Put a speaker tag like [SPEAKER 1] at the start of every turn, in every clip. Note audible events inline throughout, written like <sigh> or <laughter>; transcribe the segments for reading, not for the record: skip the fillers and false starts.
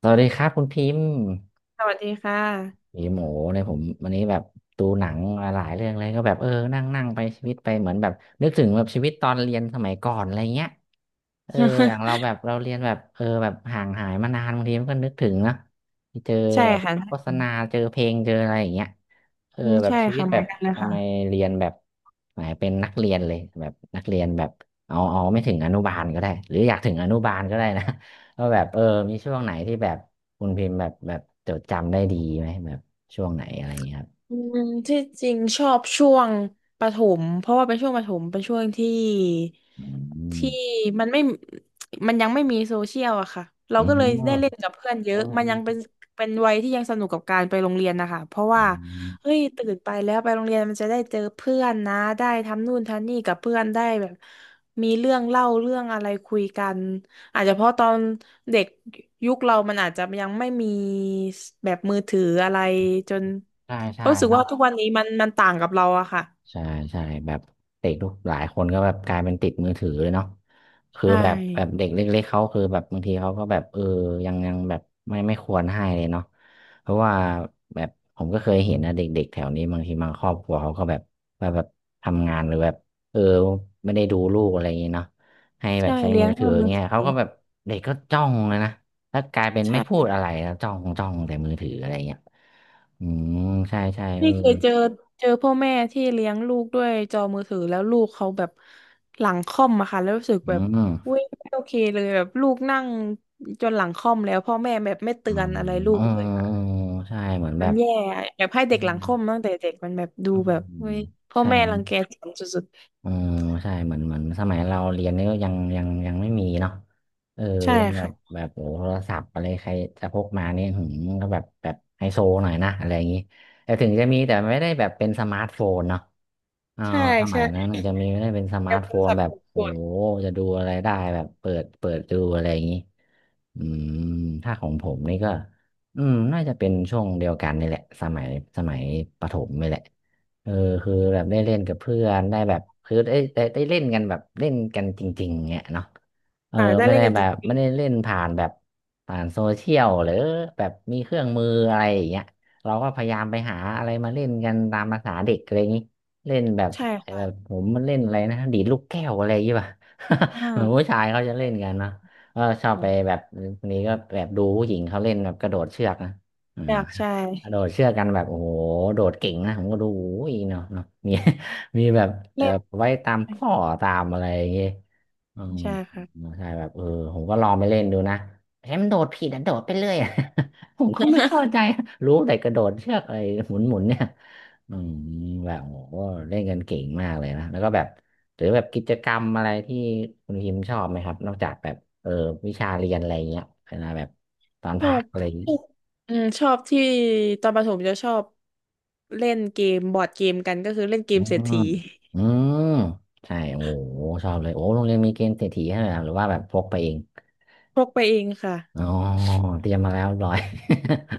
[SPEAKER 1] สวัสดีครับคุณพิมพ์ <laughs>
[SPEAKER 2] สวัสดีค่ะ
[SPEAKER 1] ผีหมูเนี่ยผมวันนี้แบบดูหนังมาหลายเรื่องเลยก็แบบเออนั่งนั่งไปชีวิตไปเหมือนแบบนึกถึงแบบชีวิตตอนเรียนสมัยก่อนอะไรเงี้ยเอออย่างเราแบ
[SPEAKER 2] <laughs>
[SPEAKER 1] บเราเรียนแบบเออแบบห่างหายมานานบางทีมันก็นึกถึงนะที่เจอ
[SPEAKER 2] ใช่
[SPEAKER 1] แบบ
[SPEAKER 2] ค่ะ
[SPEAKER 1] โฆษณาเจอเพลงเจออะไรอย่างเงี้ยเออ
[SPEAKER 2] อืม
[SPEAKER 1] แบบ
[SPEAKER 2] ใช่
[SPEAKER 1] ชีวิต
[SPEAKER 2] ค่ะเห
[SPEAKER 1] แบ
[SPEAKER 2] มือ
[SPEAKER 1] บ
[SPEAKER 2] นกันเลย
[SPEAKER 1] ทำ
[SPEAKER 2] ค่ะ
[SPEAKER 1] ไม
[SPEAKER 2] <laughs>
[SPEAKER 1] เรียนแบบไหนเป็นนักเรียนเลยแบบนักเรียนแบบเอาไม่ถึงอนุบาลก็ได้หรืออยากถึงอนุบาลก็ได้นะ <laughs> ว่าแบบเออมีช่วงไหนที่แบบคุณพิมพ์แบบจดจำได้ดีไหมแบบ ช่วงไหนอะไรอย่างเงี้ยครับ
[SPEAKER 2] อืมที่จริงชอบช่วงประถมเพราะว่าเป็นช่วงประถมเป็นช่วงที่
[SPEAKER 1] อืม
[SPEAKER 2] ที่มันไม่มันยังไม่มีโซเชียลอะค่ะเรา
[SPEAKER 1] อื
[SPEAKER 2] ก็เลยได้เล่
[SPEAKER 1] ม
[SPEAKER 2] นกับเพื่อนเย
[SPEAKER 1] อื
[SPEAKER 2] อะมันยังเป็น
[SPEAKER 1] ม
[SPEAKER 2] เป็นวัยที่ยังสนุกกับการไปโรงเรียนนะคะเพราะ
[SPEAKER 1] อื
[SPEAKER 2] ว่าเฮ้
[SPEAKER 1] ม
[SPEAKER 2] ยตื่นไปแล้วไปโรงเรียนมันจะได้เจอเพื่อนนะได้ทำนู่นทำนี่กับเพื่อนได้แบบมีเรื่องเล่าเรื่องอะไรคุยกันอาจจะเพราะตอนเด็กยุคเรามันอาจจะยังไม่มีแบบมือถืออะไรจน
[SPEAKER 1] ใช่
[SPEAKER 2] เพ
[SPEAKER 1] ใช่
[SPEAKER 2] ราะรู้สึก
[SPEAKER 1] เนาะ
[SPEAKER 2] ว่าทุกวันนี้มันต่างกับเราอะค่ะ
[SPEAKER 1] ใช่ใช่แบบเด็กทุกหลายคนก็แบบกลายเป็นติดมือถือเลยเนาะคือ
[SPEAKER 2] ใช่
[SPEAKER 1] แบบเด็กเล็กๆเขาคือแบบบางทีเขาก็แบบเออยังแบบไม่ควรให้เลยเนาะเพราะว่าแบบผมก็เคยเห็นนะเด็กๆแถวนี้บางทีบางครอบครัวเขาก็แบบแบบทำงานหรือแบบเออไม่ได้ดูลูกอะไรอย่างเงี้เนาะให้แบ
[SPEAKER 2] ใช่
[SPEAKER 1] บใช้
[SPEAKER 2] เลี้
[SPEAKER 1] มื
[SPEAKER 2] ยง
[SPEAKER 1] อถื
[SPEAKER 2] ด้ว
[SPEAKER 1] อ
[SPEAKER 2] ยมือ
[SPEAKER 1] เงี้
[SPEAKER 2] ถ
[SPEAKER 1] ยเขา
[SPEAKER 2] ื
[SPEAKER 1] ก็แบบ
[SPEAKER 2] อ
[SPEAKER 1] เด็กก็จ้องเลยนะแล้วกลายเป็นไม่พูด
[SPEAKER 2] ใช่
[SPEAKER 1] อะไรแล้วจ้องจ้องแต่มือถืออะไรเงี้ยอืมใช่ใช่เออ
[SPEAKER 2] นี่เคยเจอพ่อแม่ที่เลี้ยงลูกด้วยจอมือถือแล้วลูกเขาแบบหลังค่อมอะค่ะแล้วรู้สึก
[SPEAKER 1] อื
[SPEAKER 2] แบบอุ้
[SPEAKER 1] ม
[SPEAKER 2] ยไม่โอเคเลยแบบลูกนั่งจนหลังค่อมแล้วพ่อแม่แบบไม่เตื
[SPEAKER 1] อ๋
[SPEAKER 2] อ
[SPEAKER 1] อ
[SPEAKER 2] นอะไรลู
[SPEAKER 1] อ๋อ
[SPEAKER 2] กเลยค่ะ
[SPEAKER 1] ใช่เหมือนแบ
[SPEAKER 2] มัน
[SPEAKER 1] บ
[SPEAKER 2] แย่แบบให้
[SPEAKER 1] อื
[SPEAKER 2] เด็กหลั
[SPEAKER 1] ม
[SPEAKER 2] งค่อมตั้งแต่เด็กมันแบบดู
[SPEAKER 1] อื
[SPEAKER 2] แบบ
[SPEAKER 1] ม
[SPEAKER 2] เว้ยพ่อ
[SPEAKER 1] ใช่
[SPEAKER 2] แม่รังแกสันสุด
[SPEAKER 1] อ๋อใช่เหมือนเหมือนสมัยเราเรียนนี่ก็ยังไม่มีเนาะเออ
[SPEAKER 2] ๆใช่
[SPEAKER 1] ยังแบบ
[SPEAKER 2] ค่ะ
[SPEAKER 1] แบบโอ้โทรศัพท์อะไรใครจะพกมาเนี่ยหืมก็แบบไฮโซหน่อยนะอะไรอย่างนี้แต่ถึงจะมีแต่ไม่ได้แบบเป็นสมาร์ทโฟนเนาะ อ่า
[SPEAKER 2] ใช่
[SPEAKER 1] สมั
[SPEAKER 2] ใช่
[SPEAKER 1] ยนั้นมันจะมีไม่ได้เป็นสมา
[SPEAKER 2] แล้
[SPEAKER 1] ร์
[SPEAKER 2] ว
[SPEAKER 1] ท
[SPEAKER 2] โท
[SPEAKER 1] โฟ
[SPEAKER 2] ร
[SPEAKER 1] น
[SPEAKER 2] ศัพ
[SPEAKER 1] แบ
[SPEAKER 2] ท์
[SPEAKER 1] บ
[SPEAKER 2] ก
[SPEAKER 1] โอ้
[SPEAKER 2] ด
[SPEAKER 1] โหจะดูอะไรได้แบบเปิดดูอะไรอย่างนี้อืมถ้าของผมนี่ก็อืมน่าจะเป็นช่วงเดียวกันนี่แหละสมัยสมัยประถมนี่แหละเออคือแบบได้เล่นกับเพื่อนได้แบบคือได้เล่นกันแบบเล่นกันจริงๆเนี่ยเนาะเอ
[SPEAKER 2] ๆ
[SPEAKER 1] อ
[SPEAKER 2] ค่ะได้
[SPEAKER 1] ไม่
[SPEAKER 2] เล่น
[SPEAKER 1] ได้
[SPEAKER 2] กัน
[SPEAKER 1] แบ
[SPEAKER 2] จ
[SPEAKER 1] บ
[SPEAKER 2] ริ
[SPEAKER 1] ไม่
[SPEAKER 2] ง
[SPEAKER 1] ได้เล่นผ่านแบบผ่านโซเชียลหรือแบบมีเครื่องมืออะไรอย่างเงี้ยเราก็พยายามไปหาอะไรมาเล่นกันตามภาษาเด็กอะไรอย่างนี้ เล่นแบบ
[SPEAKER 2] ๆใช่
[SPEAKER 1] ไอ้แบบ
[SPEAKER 2] ค่ะ
[SPEAKER 1] ผมมันเล่นอะไรนะดีดลูกแก้วอะไรอย่างเงี้ยป่ะ
[SPEAKER 2] มา
[SPEAKER 1] <laughs> เหมือนผู้
[SPEAKER 2] ก
[SPEAKER 1] ชายเขาจะเล่นกันเนาะก็ชอบไปแบบนี้ก็แบบดูผู้หญิงเขาเล่นแบบกระโดดเชือกนะอ่า
[SPEAKER 2] อยากใช่
[SPEAKER 1] กระโดดเชือกกันแบบโอ้โหโดดเก่งนะผมก็ดูโอ้ยเนาะเนาะมี <laughs> มีแบบเออ
[SPEAKER 2] เล่น
[SPEAKER 1] ไว้ตามข้อตามอะไรอย่างเงี้ยอืม
[SPEAKER 2] ใช่ค่ะ
[SPEAKER 1] ใช่แบบเออผมก็ลองไปเล่นดูนะเฮ้ยมันโดดผิดอะโดดไปเรื่อยอะ <laughs> ผมก็ไม่เข้าใจรู้แต่กระโดดเชือกอะไรหมุนหมุนเนี่ย อืมแบบโอ้โหเล่นกันเก่งมากเลยนะแล้วก็แบบหรือแบบกิจกรรมอะไรที่คุณพิมพ์ชอบไหมครับนอกจากแบบเออวิชาเรียนอะไรเงี้ยเวลาแบบตอน
[SPEAKER 2] ช
[SPEAKER 1] พั
[SPEAKER 2] อ
[SPEAKER 1] ก
[SPEAKER 2] บ
[SPEAKER 1] อะไรอย่างเงี้ย
[SPEAKER 2] อืมชอบที่ตอนประถมจะชอบเล่นเกมบอร์ดเกมกันก็คือเล่นเก
[SPEAKER 1] อื
[SPEAKER 2] มเศรษ
[SPEAKER 1] ม
[SPEAKER 2] ฐี
[SPEAKER 1] อืมใช่โอ้โหชอบเลยโอ้โรงเรียนมีเกมเศรษฐีให้ด้วยเหรอหรือว่าแบบพกไปเอง
[SPEAKER 2] พกไปเองค่ะ
[SPEAKER 1] อ๋อเตรียมมาแล้วเรียบร้อย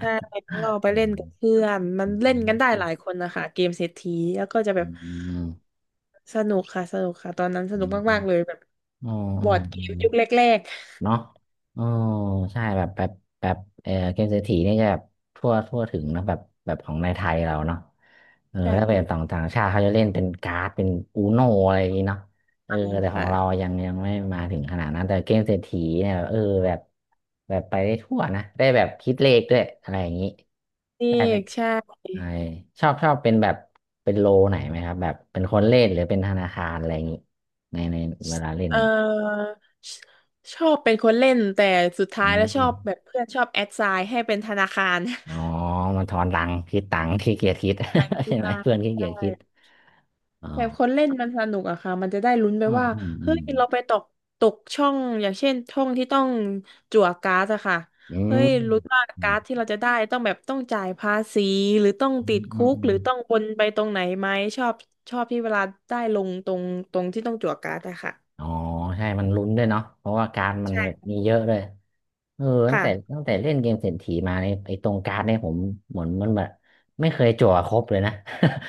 [SPEAKER 2] ใช่แล้วก็ ไป
[SPEAKER 1] อื
[SPEAKER 2] เล่น
[SPEAKER 1] ม
[SPEAKER 2] กับเพื่อนมัน
[SPEAKER 1] อื
[SPEAKER 2] เล่นกันได้หลา
[SPEAKER 1] ม
[SPEAKER 2] ยคนนะคะเกมเศรษฐีแล้วก็จะแบ
[SPEAKER 1] อื
[SPEAKER 2] บ
[SPEAKER 1] ม
[SPEAKER 2] สนุกค่ะสนุกค่ะตอนนั้นส
[SPEAKER 1] อื
[SPEAKER 2] นุก
[SPEAKER 1] มอื
[SPEAKER 2] มา
[SPEAKER 1] ม
[SPEAKER 2] กๆเลยแบบบ
[SPEAKER 1] อื
[SPEAKER 2] อ
[SPEAKER 1] ม
[SPEAKER 2] ร์ดเก
[SPEAKER 1] อื
[SPEAKER 2] ม
[SPEAKER 1] ม
[SPEAKER 2] ยุคแรก
[SPEAKER 1] เนาะเออใช่แบบแบบเออเกมเศรษฐีนี่จะแบบทั่วถึงเนอะแบบแบบของในไทยเราเนาะเออ
[SPEAKER 2] ๆใช่
[SPEAKER 1] ถ้าเป็น
[SPEAKER 2] ค่ะ
[SPEAKER 1] ต่างต่างชาติเขาจะเล่นเป็นการ์ดเป็นอูโนอะไรอย่างงี้เนาะเออแต่ของเรา
[SPEAKER 2] ค่ะ
[SPEAKER 1] ยังยังไม่มาถึงขนาดนั้นแต่เกมเศรษฐีเนี่ยเออแบบแบบไปได้ทั่วนะได้แบบคิดเลขด้วยอะไรอย่างงี้
[SPEAKER 2] นี่
[SPEAKER 1] ได้เป็น
[SPEAKER 2] ใช่
[SPEAKER 1] ไอชอบเป็นแบบเป็นโลไหนไหมครับแบบเป็นคนเล่นหรือเป็นธนาคารอะไรอย่างงี้ในในเวลาเล่
[SPEAKER 2] เ
[SPEAKER 1] น
[SPEAKER 2] ออชชอบเป็นคนเล่นแต่สุด
[SPEAKER 1] อื
[SPEAKER 2] ท้ายแล้วชอบแบ
[SPEAKER 1] ม
[SPEAKER 2] บเพื่อนชอบแอดไซน์ให้เป็นธนาคาร
[SPEAKER 1] อ๋อ
[SPEAKER 2] <laughs>
[SPEAKER 1] มันทอนตังค์คิดตังค์ขี้เกียจคิด
[SPEAKER 2] ทาง
[SPEAKER 1] <laughs>
[SPEAKER 2] กี
[SPEAKER 1] ใช่ไหม
[SPEAKER 2] ฬา
[SPEAKER 1] เพื่อนขี้เกีย
[SPEAKER 2] ใช่
[SPEAKER 1] จคิดอ๋อ
[SPEAKER 2] แบบคนเล่นมันสนุกอะค่ะมันจะได้ลุ้นไป
[SPEAKER 1] อืม
[SPEAKER 2] ว่า
[SPEAKER 1] อืมอื
[SPEAKER 2] เฮ้
[SPEAKER 1] ม
[SPEAKER 2] ยเราไปตกช่องอย่างเช่นช่องที่ต้องจั่วการ์ดอะค่ะ
[SPEAKER 1] อื
[SPEAKER 2] เฮ้
[SPEAKER 1] ม
[SPEAKER 2] ยลุ้นว่า
[SPEAKER 1] อื
[SPEAKER 2] การ์ดที่
[SPEAKER 1] ม
[SPEAKER 2] เราจะได้ต้องแบบต้องจ่ายภาษีหรือต้อง
[SPEAKER 1] อื
[SPEAKER 2] ติดคุ
[SPEAKER 1] ม
[SPEAKER 2] ก
[SPEAKER 1] อื
[SPEAKER 2] หรื
[SPEAKER 1] ม
[SPEAKER 2] อต้องวนไปตรงไหนไหมชอบชอบที่เวลาได้ลงตรงที่ต้องจั่วการ์ดอะค่ะ
[SPEAKER 1] อ๋อใช่มันลุ้นด้วยเนาะเพราะว่าการดมั
[SPEAKER 2] ใช
[SPEAKER 1] นแบบ
[SPEAKER 2] ่
[SPEAKER 1] มีเยอะเลยเออตั้งแต่
[SPEAKER 2] ค่ะ
[SPEAKER 1] ตั้งแต่เล่นเกมเศรษฐีมาในยไอ้ตรงการ์ดเนี่ยผมเหมือนมันแบบไม่เคยจั่วครบเลยนะ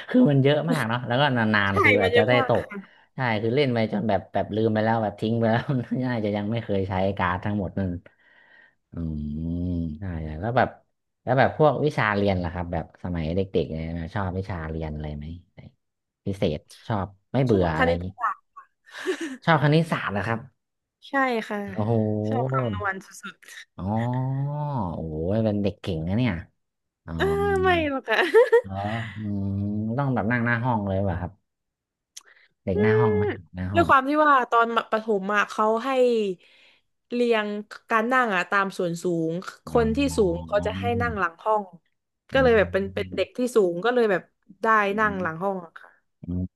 [SPEAKER 1] <laughs> คือมันเยอะมากเนาะแล้วก็นาน
[SPEAKER 2] ใช่
[SPEAKER 1] ๆคือ
[SPEAKER 2] มั
[SPEAKER 1] อา
[SPEAKER 2] น
[SPEAKER 1] จ
[SPEAKER 2] เย
[SPEAKER 1] จะ
[SPEAKER 2] อะ
[SPEAKER 1] ได้
[SPEAKER 2] มา
[SPEAKER 1] ต
[SPEAKER 2] ก
[SPEAKER 1] กใช่คือเล่นไปจนแบบแบบลืมไปแล้วแบบทิ้งไปแล้ว <laughs> น่าจะยังไม่เคยใช้การ์ดทั้งหมดนั่นอืมใช่ใช่แล้วแบบแล้วแบบพวกวิชาเรียนล่ะครับแบบสมัยเด็กๆเนี่ยชอบวิชาเรียนอะไรไหมพิเศษชอบไม่
[SPEAKER 2] ชอ
[SPEAKER 1] เบื่อ
[SPEAKER 2] บค
[SPEAKER 1] อะไรอ
[SPEAKER 2] ณิ
[SPEAKER 1] ย่า
[SPEAKER 2] ต
[SPEAKER 1] งนี้
[SPEAKER 2] ศาสตร์ <laughs>
[SPEAKER 1] ชอบคณิตศาสตร์นะครับ
[SPEAKER 2] ใช่ค่ะ
[SPEAKER 1] โอ้โห
[SPEAKER 2] ชอบคำนวณสุด
[SPEAKER 1] อ๋อโอ้ยเป็นเด็กเก่งนะเนี่ยอ๋อ
[SPEAKER 2] ๆเออไม่หรอกค่ะ <laughs>
[SPEAKER 1] เอออืมต้องแบบนั่งหน้าห้องเลยป่ะครับเด็ก
[SPEAKER 2] อื
[SPEAKER 1] หน้าห้
[SPEAKER 2] ม
[SPEAKER 1] องไหมหน้าห้
[SPEAKER 2] ด้ว
[SPEAKER 1] อ
[SPEAKER 2] ย
[SPEAKER 1] ง
[SPEAKER 2] ความที่ว่าตอนประถมอะเขาให้เรียงการนั่งอะตามส่วนสูงค
[SPEAKER 1] อ๋
[SPEAKER 2] นที่สูงเขา
[SPEAKER 1] อ
[SPEAKER 2] จะให้นั่งหลังห้องก็
[SPEAKER 1] อื
[SPEAKER 2] เลยแบบเป็นเด็
[SPEAKER 1] ม
[SPEAKER 2] กที่สูงก็เลยแบบได้
[SPEAKER 1] อื
[SPEAKER 2] นั่ง
[SPEAKER 1] ม
[SPEAKER 2] หลังห้องอะค่ะ
[SPEAKER 1] อืม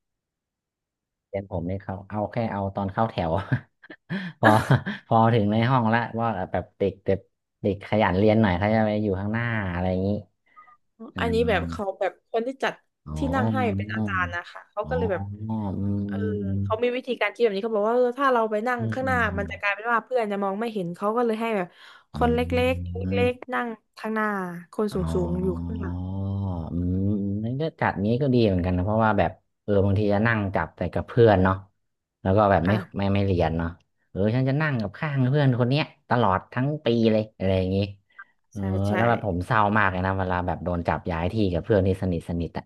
[SPEAKER 1] เรียนผมนี่เขาเอาแค่เอาตอนเข้าแถว <laughs> พอพอถึงในห้องละว่าแบบเด็กเด็กเด็กขยันเรียนหน่อยเขาจะไปอยู่ข้างหน้าอะไรอย่างนี้อ๋
[SPEAKER 2] อันนี้แบบเขา
[SPEAKER 1] อ
[SPEAKER 2] แบบคนที่จัด
[SPEAKER 1] อ๋อ
[SPEAKER 2] ที่นั่งให้เป็นอาจารย์นะคะเขา
[SPEAKER 1] อ๋อ
[SPEAKER 2] ก็เลยแบบ
[SPEAKER 1] อื
[SPEAKER 2] เออ
[SPEAKER 1] ม
[SPEAKER 2] เขามีวิธีการคิดแบบนี้เขาบอกว่าเออถ้าเราไปนั่ง
[SPEAKER 1] อืม
[SPEAKER 2] ข้าง
[SPEAKER 1] อื
[SPEAKER 2] หน้ามัน
[SPEAKER 1] ม
[SPEAKER 2] จะกลายเป็นว่าเพื่อนจะมองไม่เห็นเขาก็เลยให้แบบค
[SPEAKER 1] อื
[SPEAKER 2] นเล็กๆเล็ก
[SPEAKER 1] ม
[SPEAKER 2] ๆนั่งข้างหน้าคนส
[SPEAKER 1] อ๋
[SPEAKER 2] ูงๆอยู่
[SPEAKER 1] อ
[SPEAKER 2] ข้างหลัง
[SPEAKER 1] อืมนั่นก็จัดงี้ก็ดีเหมือนกันนะเพราะว่าแบบเออบางทีจะนั่งจับแต่กับเพื่อนเนาะแล้วก็แบบไม่
[SPEAKER 2] ค่ะ
[SPEAKER 1] ไม่ไม่เรียนเนาะเออฉันจะนั่งกับข้างเพื่อนคนเนี้ยตลอดทั้งปีเลยอะไรอย่างงี้เออ
[SPEAKER 2] ใช่ใช่
[SPEAKER 1] แล้วแบบผมเศร้ามากเลยนะเวลาแบบโดนจับย้ายที่กับเพื่อนที่สนิทสนิทอะ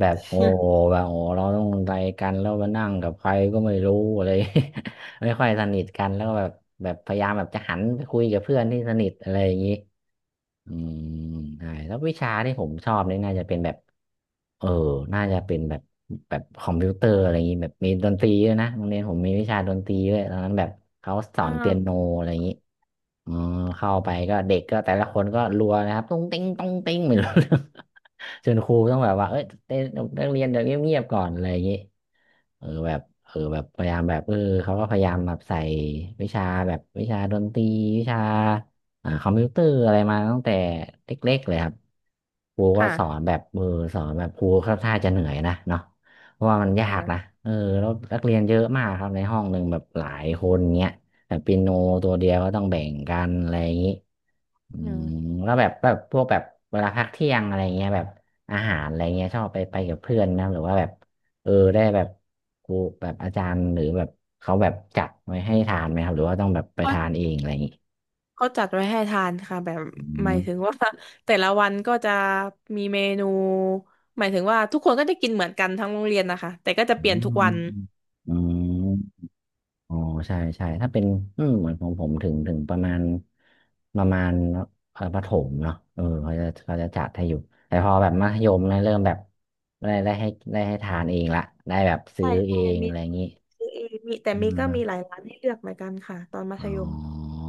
[SPEAKER 1] แบบโอ้โหแบบโอ้เราต้องอะไรกันแล้วมานั่งกับใครก็ไม่รู้อะไร <laughs> ไม่ค่อยสนิทกันแล้วก็แบบแบบพยายามแบบจะหันไปคุยกับเพื่อนที่สนิทอะไรอย่างงี้ อืมใช่แล้ววิชาที่ผมชอบนี่น่าจะเป็นแบบ เออ น่าจะเป็นแบบ แบบคอมพิวเตอร์อะไรอย่างนี้ แบบมีดนตรีด้วยนะโรงเรียนผมมีวิชาดนตรีด้วยตอนนั้นแบบเขาส
[SPEAKER 2] <laughs>
[SPEAKER 1] อ
[SPEAKER 2] อ่า
[SPEAKER 1] นเปียโนอะไรอย่างนี้ อมเข้าไปก็เด็กก็แต่ละคนก็รัวนะครับตุ้งติ้งตุ้งติ้งไม่รู้เรื่อง <laughs> จนครูต้องแบบว่าเอ้ยเต้นนักเรียนเดี๋ยวเงียบๆก่อนอะไรอย่างงี้เออแบบเออแบบพยายามแบบเออเขาก็พยายามแบบใส่วิชาแบบวิชาดนตรีวิชาคอมพิวเตอร์อะไรมาตั้งแต่เล็กๆเลยครับครูก็
[SPEAKER 2] ค่ะ
[SPEAKER 1] สอนแบบมืออสอนแบบครูค่อนข้างจะเหนื่อยนะเนาะเพราะว่ามันยากนะ
[SPEAKER 2] ค่ะ
[SPEAKER 1] เออแล้วนักเรียนเยอะมากครับในห้องหนึ่งแบบหลายคนเงี้ย แต่เปียโนตัวเดียวก็ต้องแบ่งกันอะไรอย่างนี้อื
[SPEAKER 2] อื
[SPEAKER 1] ม
[SPEAKER 2] ม
[SPEAKER 1] แล้วแบบแบบพวกแบบเวลาพักเที่ยงอะไรเงี้ยแบบอาหารอะไรเงี้ยชอบไปกับเพื่อนนะหรือว่าแบบเออได้แบบครูแบบอาจารย์หรือแบบเขาแบบจัดไว้ให้ทานไหมครับหรือว่าต้องแบบไป
[SPEAKER 2] เขา
[SPEAKER 1] ทานเองอะไรอย่างนี้
[SPEAKER 2] เขาจัดไว้ให้ทานค่ะแบบ
[SPEAKER 1] อื
[SPEAKER 2] หมายถึง
[SPEAKER 1] ม
[SPEAKER 2] ว่า <laughs> แต่ละวันก็จะมีเมนูหมายถึงว่าทุกคนก็จะกินเหมือนกันทั้งโรงเรียนนะคะแต่ก็จะ
[SPEAKER 1] อื
[SPEAKER 2] เปลี่ยนทุ
[SPEAKER 1] ม
[SPEAKER 2] กวัน
[SPEAKER 1] อืม อ๋อใช่ใช่ถ้าเป็นอืมเหมือนของผมถึงประมาณประมาณประถมเนาะเออเขาจะจัดให้อยู่แต่พอแบบมัธยมเนี่ยเริ่มแบบได้ได้ให้ได้ให้ทานเองละได้แบบซื้
[SPEAKER 2] ใช่
[SPEAKER 1] อเอ
[SPEAKER 2] ใช่
[SPEAKER 1] ง
[SPEAKER 2] มี
[SPEAKER 1] อะไรอย่างนี้
[SPEAKER 2] ซื้อเองมีแต่
[SPEAKER 1] อื
[SPEAKER 2] มีก็มีหลา
[SPEAKER 1] ม
[SPEAKER 2] ยร้านให้เลือกเหมือนกันค่ะตอนมัธ
[SPEAKER 1] อ๋
[SPEAKER 2] ยม
[SPEAKER 1] อ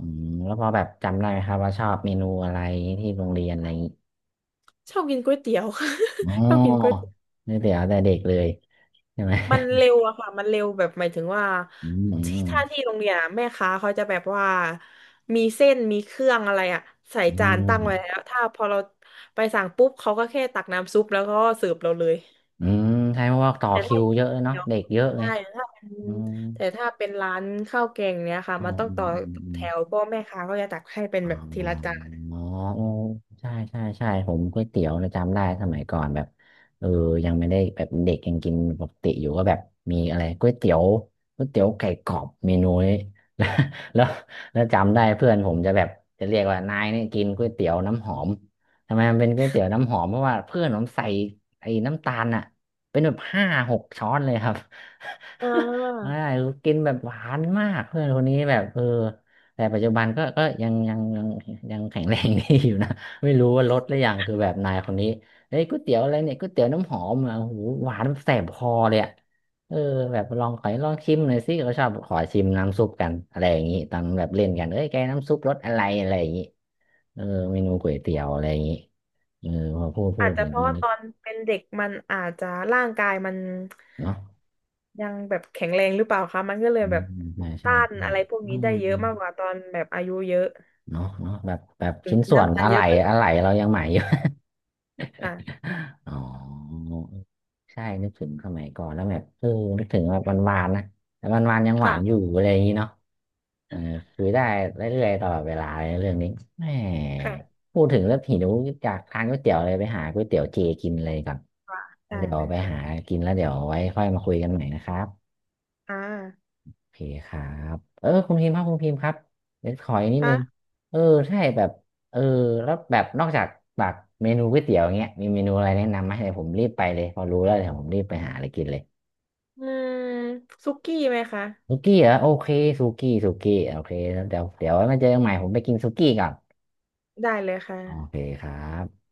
[SPEAKER 1] อืมแล้วพอแบบจำได้ไหมครับว่าชอบเมนูอะไรที่โรงเรียนอะไรอย่างนี้
[SPEAKER 2] ชอบกินก๋วยเตี๋ยว
[SPEAKER 1] อ๋
[SPEAKER 2] <laughs> ชอบกินก๋วย
[SPEAKER 1] อ
[SPEAKER 2] เตี๋ยว
[SPEAKER 1] นี่เดี๋ยวแต่เด็กเลยใช่ไหม
[SPEAKER 2] มันเร็วอะค่ะมันเร็วแบบหมายถึงว่า
[SPEAKER 1] <laughs> อื
[SPEAKER 2] ที่ถ้า
[SPEAKER 1] ม
[SPEAKER 2] ที่โรงเรียนอะแม่ค้าเขาจะแบบว่ามีเส้นมีเครื่องอะไรอะใส่
[SPEAKER 1] อืม
[SPEAKER 2] จาน
[SPEAKER 1] อื
[SPEAKER 2] ตั้
[SPEAKER 1] ม
[SPEAKER 2] งไว้แล้วถ้าพอเราไปสั่งปุ๊บเขาก็แค่ตักน้ำซุปแล้วก็เสิร์ฟเราเลย
[SPEAKER 1] อืมใช่เพราะว่าต่อ
[SPEAKER 2] แต่
[SPEAKER 1] คิ
[SPEAKER 2] ถ้า
[SPEAKER 1] วเยอะเเนาะ
[SPEAKER 2] เดี๋ยว
[SPEAKER 1] เด็กเยอะไง
[SPEAKER 2] ใช่ถ้าเป็น
[SPEAKER 1] อืม
[SPEAKER 2] แต่ถ้าเป็นร้านข้าวแกงเนี้ยค่ะ
[SPEAKER 1] อ๋อ
[SPEAKER 2] มันต้อง
[SPEAKER 1] อื
[SPEAKER 2] ต่
[SPEAKER 1] ม
[SPEAKER 2] อ
[SPEAKER 1] อืมอื
[SPEAKER 2] แถ
[SPEAKER 1] ม
[SPEAKER 2] วเพราะแม่ค้าก็จะตักให้เป็น
[SPEAKER 1] อ๋อ
[SPEAKER 2] แบบทีละจาน
[SPEAKER 1] อ๋อโอ้ใช่ใช่ใช่ผมก๋วยเตี๋ยวนะจำได้สมัยก่อนแบบเออยังไม่ได้แบบเด็กยังกินปกติอยู่ก็แบบมีอะไรก๋วยเตี๋ยวก๋วยเตี๋ยวไก่กรอบเมนูนี้ <laughs> แล้วแล้วแล้วจำได้เพื่อนผมจะแบบจะเรียกว่านายเนี่ยกินก๋วยเตี๋ยวน้ำหอมทำไมมันเป็นก๋วยเตี๋ยวน้ำหอมเพราะว่าเพื่อนผมใส่ไอ้น้ำตาลอ่ะเป็นแบบห้าหกช้อนเลยครับ
[SPEAKER 2] อ่
[SPEAKER 1] <laughs> ใช่
[SPEAKER 2] า
[SPEAKER 1] กินแบบหวานมากเพื่อนคนนี้แบบเออ แต่ปัจจุบันก็ยังแข็งแรงดีอยู่นะ <laughs> ไม่รู้ว่าลดหรือยังคือแบบนายคนนี้เฮ้ยก๋วยเตี๋ยวอะไรเนี่ยก๋วยเตี๋ยวน้ำหอมอ่ะโอ้โหหวานแสบคอเลยอ่ะเออแบบลองขอให้ลองชิมหน่อยสิเขาชอบขอชิมน้ำซุปกันอะไรอย่างงี้ตอนแบบเล่นกันเอ้ยแกน้ำซุปรสอะไรอะไรอย่างงี้เออเมนูก๋วยเตี๋ยวอะไรอย่างงี้เออพอพูดพู
[SPEAKER 2] อาจ
[SPEAKER 1] ด
[SPEAKER 2] จะ
[SPEAKER 1] ถึง
[SPEAKER 2] เพราะ
[SPEAKER 1] ก็
[SPEAKER 2] ว่า
[SPEAKER 1] นึ
[SPEAKER 2] ต
[SPEAKER 1] ก
[SPEAKER 2] อนเป็นเด็กมันอาจจะร่างกายมัน
[SPEAKER 1] เนาะ
[SPEAKER 2] ยังแบบแข็งแรงหรือเปล่าคะมันก็เลย
[SPEAKER 1] อื
[SPEAKER 2] แบ
[SPEAKER 1] ม
[SPEAKER 2] บ
[SPEAKER 1] ใช่ใช่
[SPEAKER 2] ต้าน
[SPEAKER 1] ใช่
[SPEAKER 2] อะไรพวก
[SPEAKER 1] อื
[SPEAKER 2] นี้ได้เยอะมาก
[SPEAKER 1] ม
[SPEAKER 2] กว่าตอนแบบอายุเยอะ
[SPEAKER 1] เนาะแบบแบบ
[SPEAKER 2] ถึง
[SPEAKER 1] ชิ้น
[SPEAKER 2] กิน
[SPEAKER 1] ส่วน
[SPEAKER 2] น้ำตาล
[SPEAKER 1] อะไห
[SPEAKER 2] เย
[SPEAKER 1] ล่
[SPEAKER 2] อะก็
[SPEAKER 1] อะไหล่เรายังใหม่อยู่
[SPEAKER 2] ค่ะ
[SPEAKER 1] อ๋อใช่นึกถึงสมัยก่อนแล้วแบบเออนึกถึงแบบวันวานๆนะแต่วันวานๆยังหวา
[SPEAKER 2] ค่ะ
[SPEAKER 1] นอยู่อะไรอย่างนี้เนาะเออคุยได้เรื่อยๆตลอดเวลาเลยเรื่องนี้แหม
[SPEAKER 2] ค่ะ
[SPEAKER 1] พูดถึงแล้วหิวอยากทานก๋วยเตี๋ยวเลยไปหาก๋วยเตี๋ยวเจกินเลยก่อน
[SPEAKER 2] ค่ะ
[SPEAKER 1] แล้
[SPEAKER 2] ได้
[SPEAKER 1] วเดี๋ยวไป
[SPEAKER 2] ค่ะ
[SPEAKER 1] หากินแล้วเดี๋ยวไว้ค่อยมาคุยกันใหม่นะครับ
[SPEAKER 2] อ่า
[SPEAKER 1] โอเคครับเออคุณพิมพ์ครับคุณพิมพ์ครับ เดี๋ยวขออีกนิดนึ
[SPEAKER 2] ค่ะ
[SPEAKER 1] ง เออใช่แบบ เออแล้วแบบนอกจากแบบเมนูก๋วยเตี๋ยวอเงี้ยมีเมนูอะไรแนะนำไหมเดี๋ยวผมรีบไปเลยพอรู้แล้วเดี๋ยวผมรีบไปหาอะไรกินเลย
[SPEAKER 2] อืมซุกี้ไหมคะ
[SPEAKER 1] สุกี้เหรอโอเคสุกี้สุกี้โอเคแล้วเดี๋ยวไว้มาเจอกันใหม่ผมไปกินสุกี้ก่อน
[SPEAKER 2] ได้เลยค่ะ
[SPEAKER 1] โอเคครับ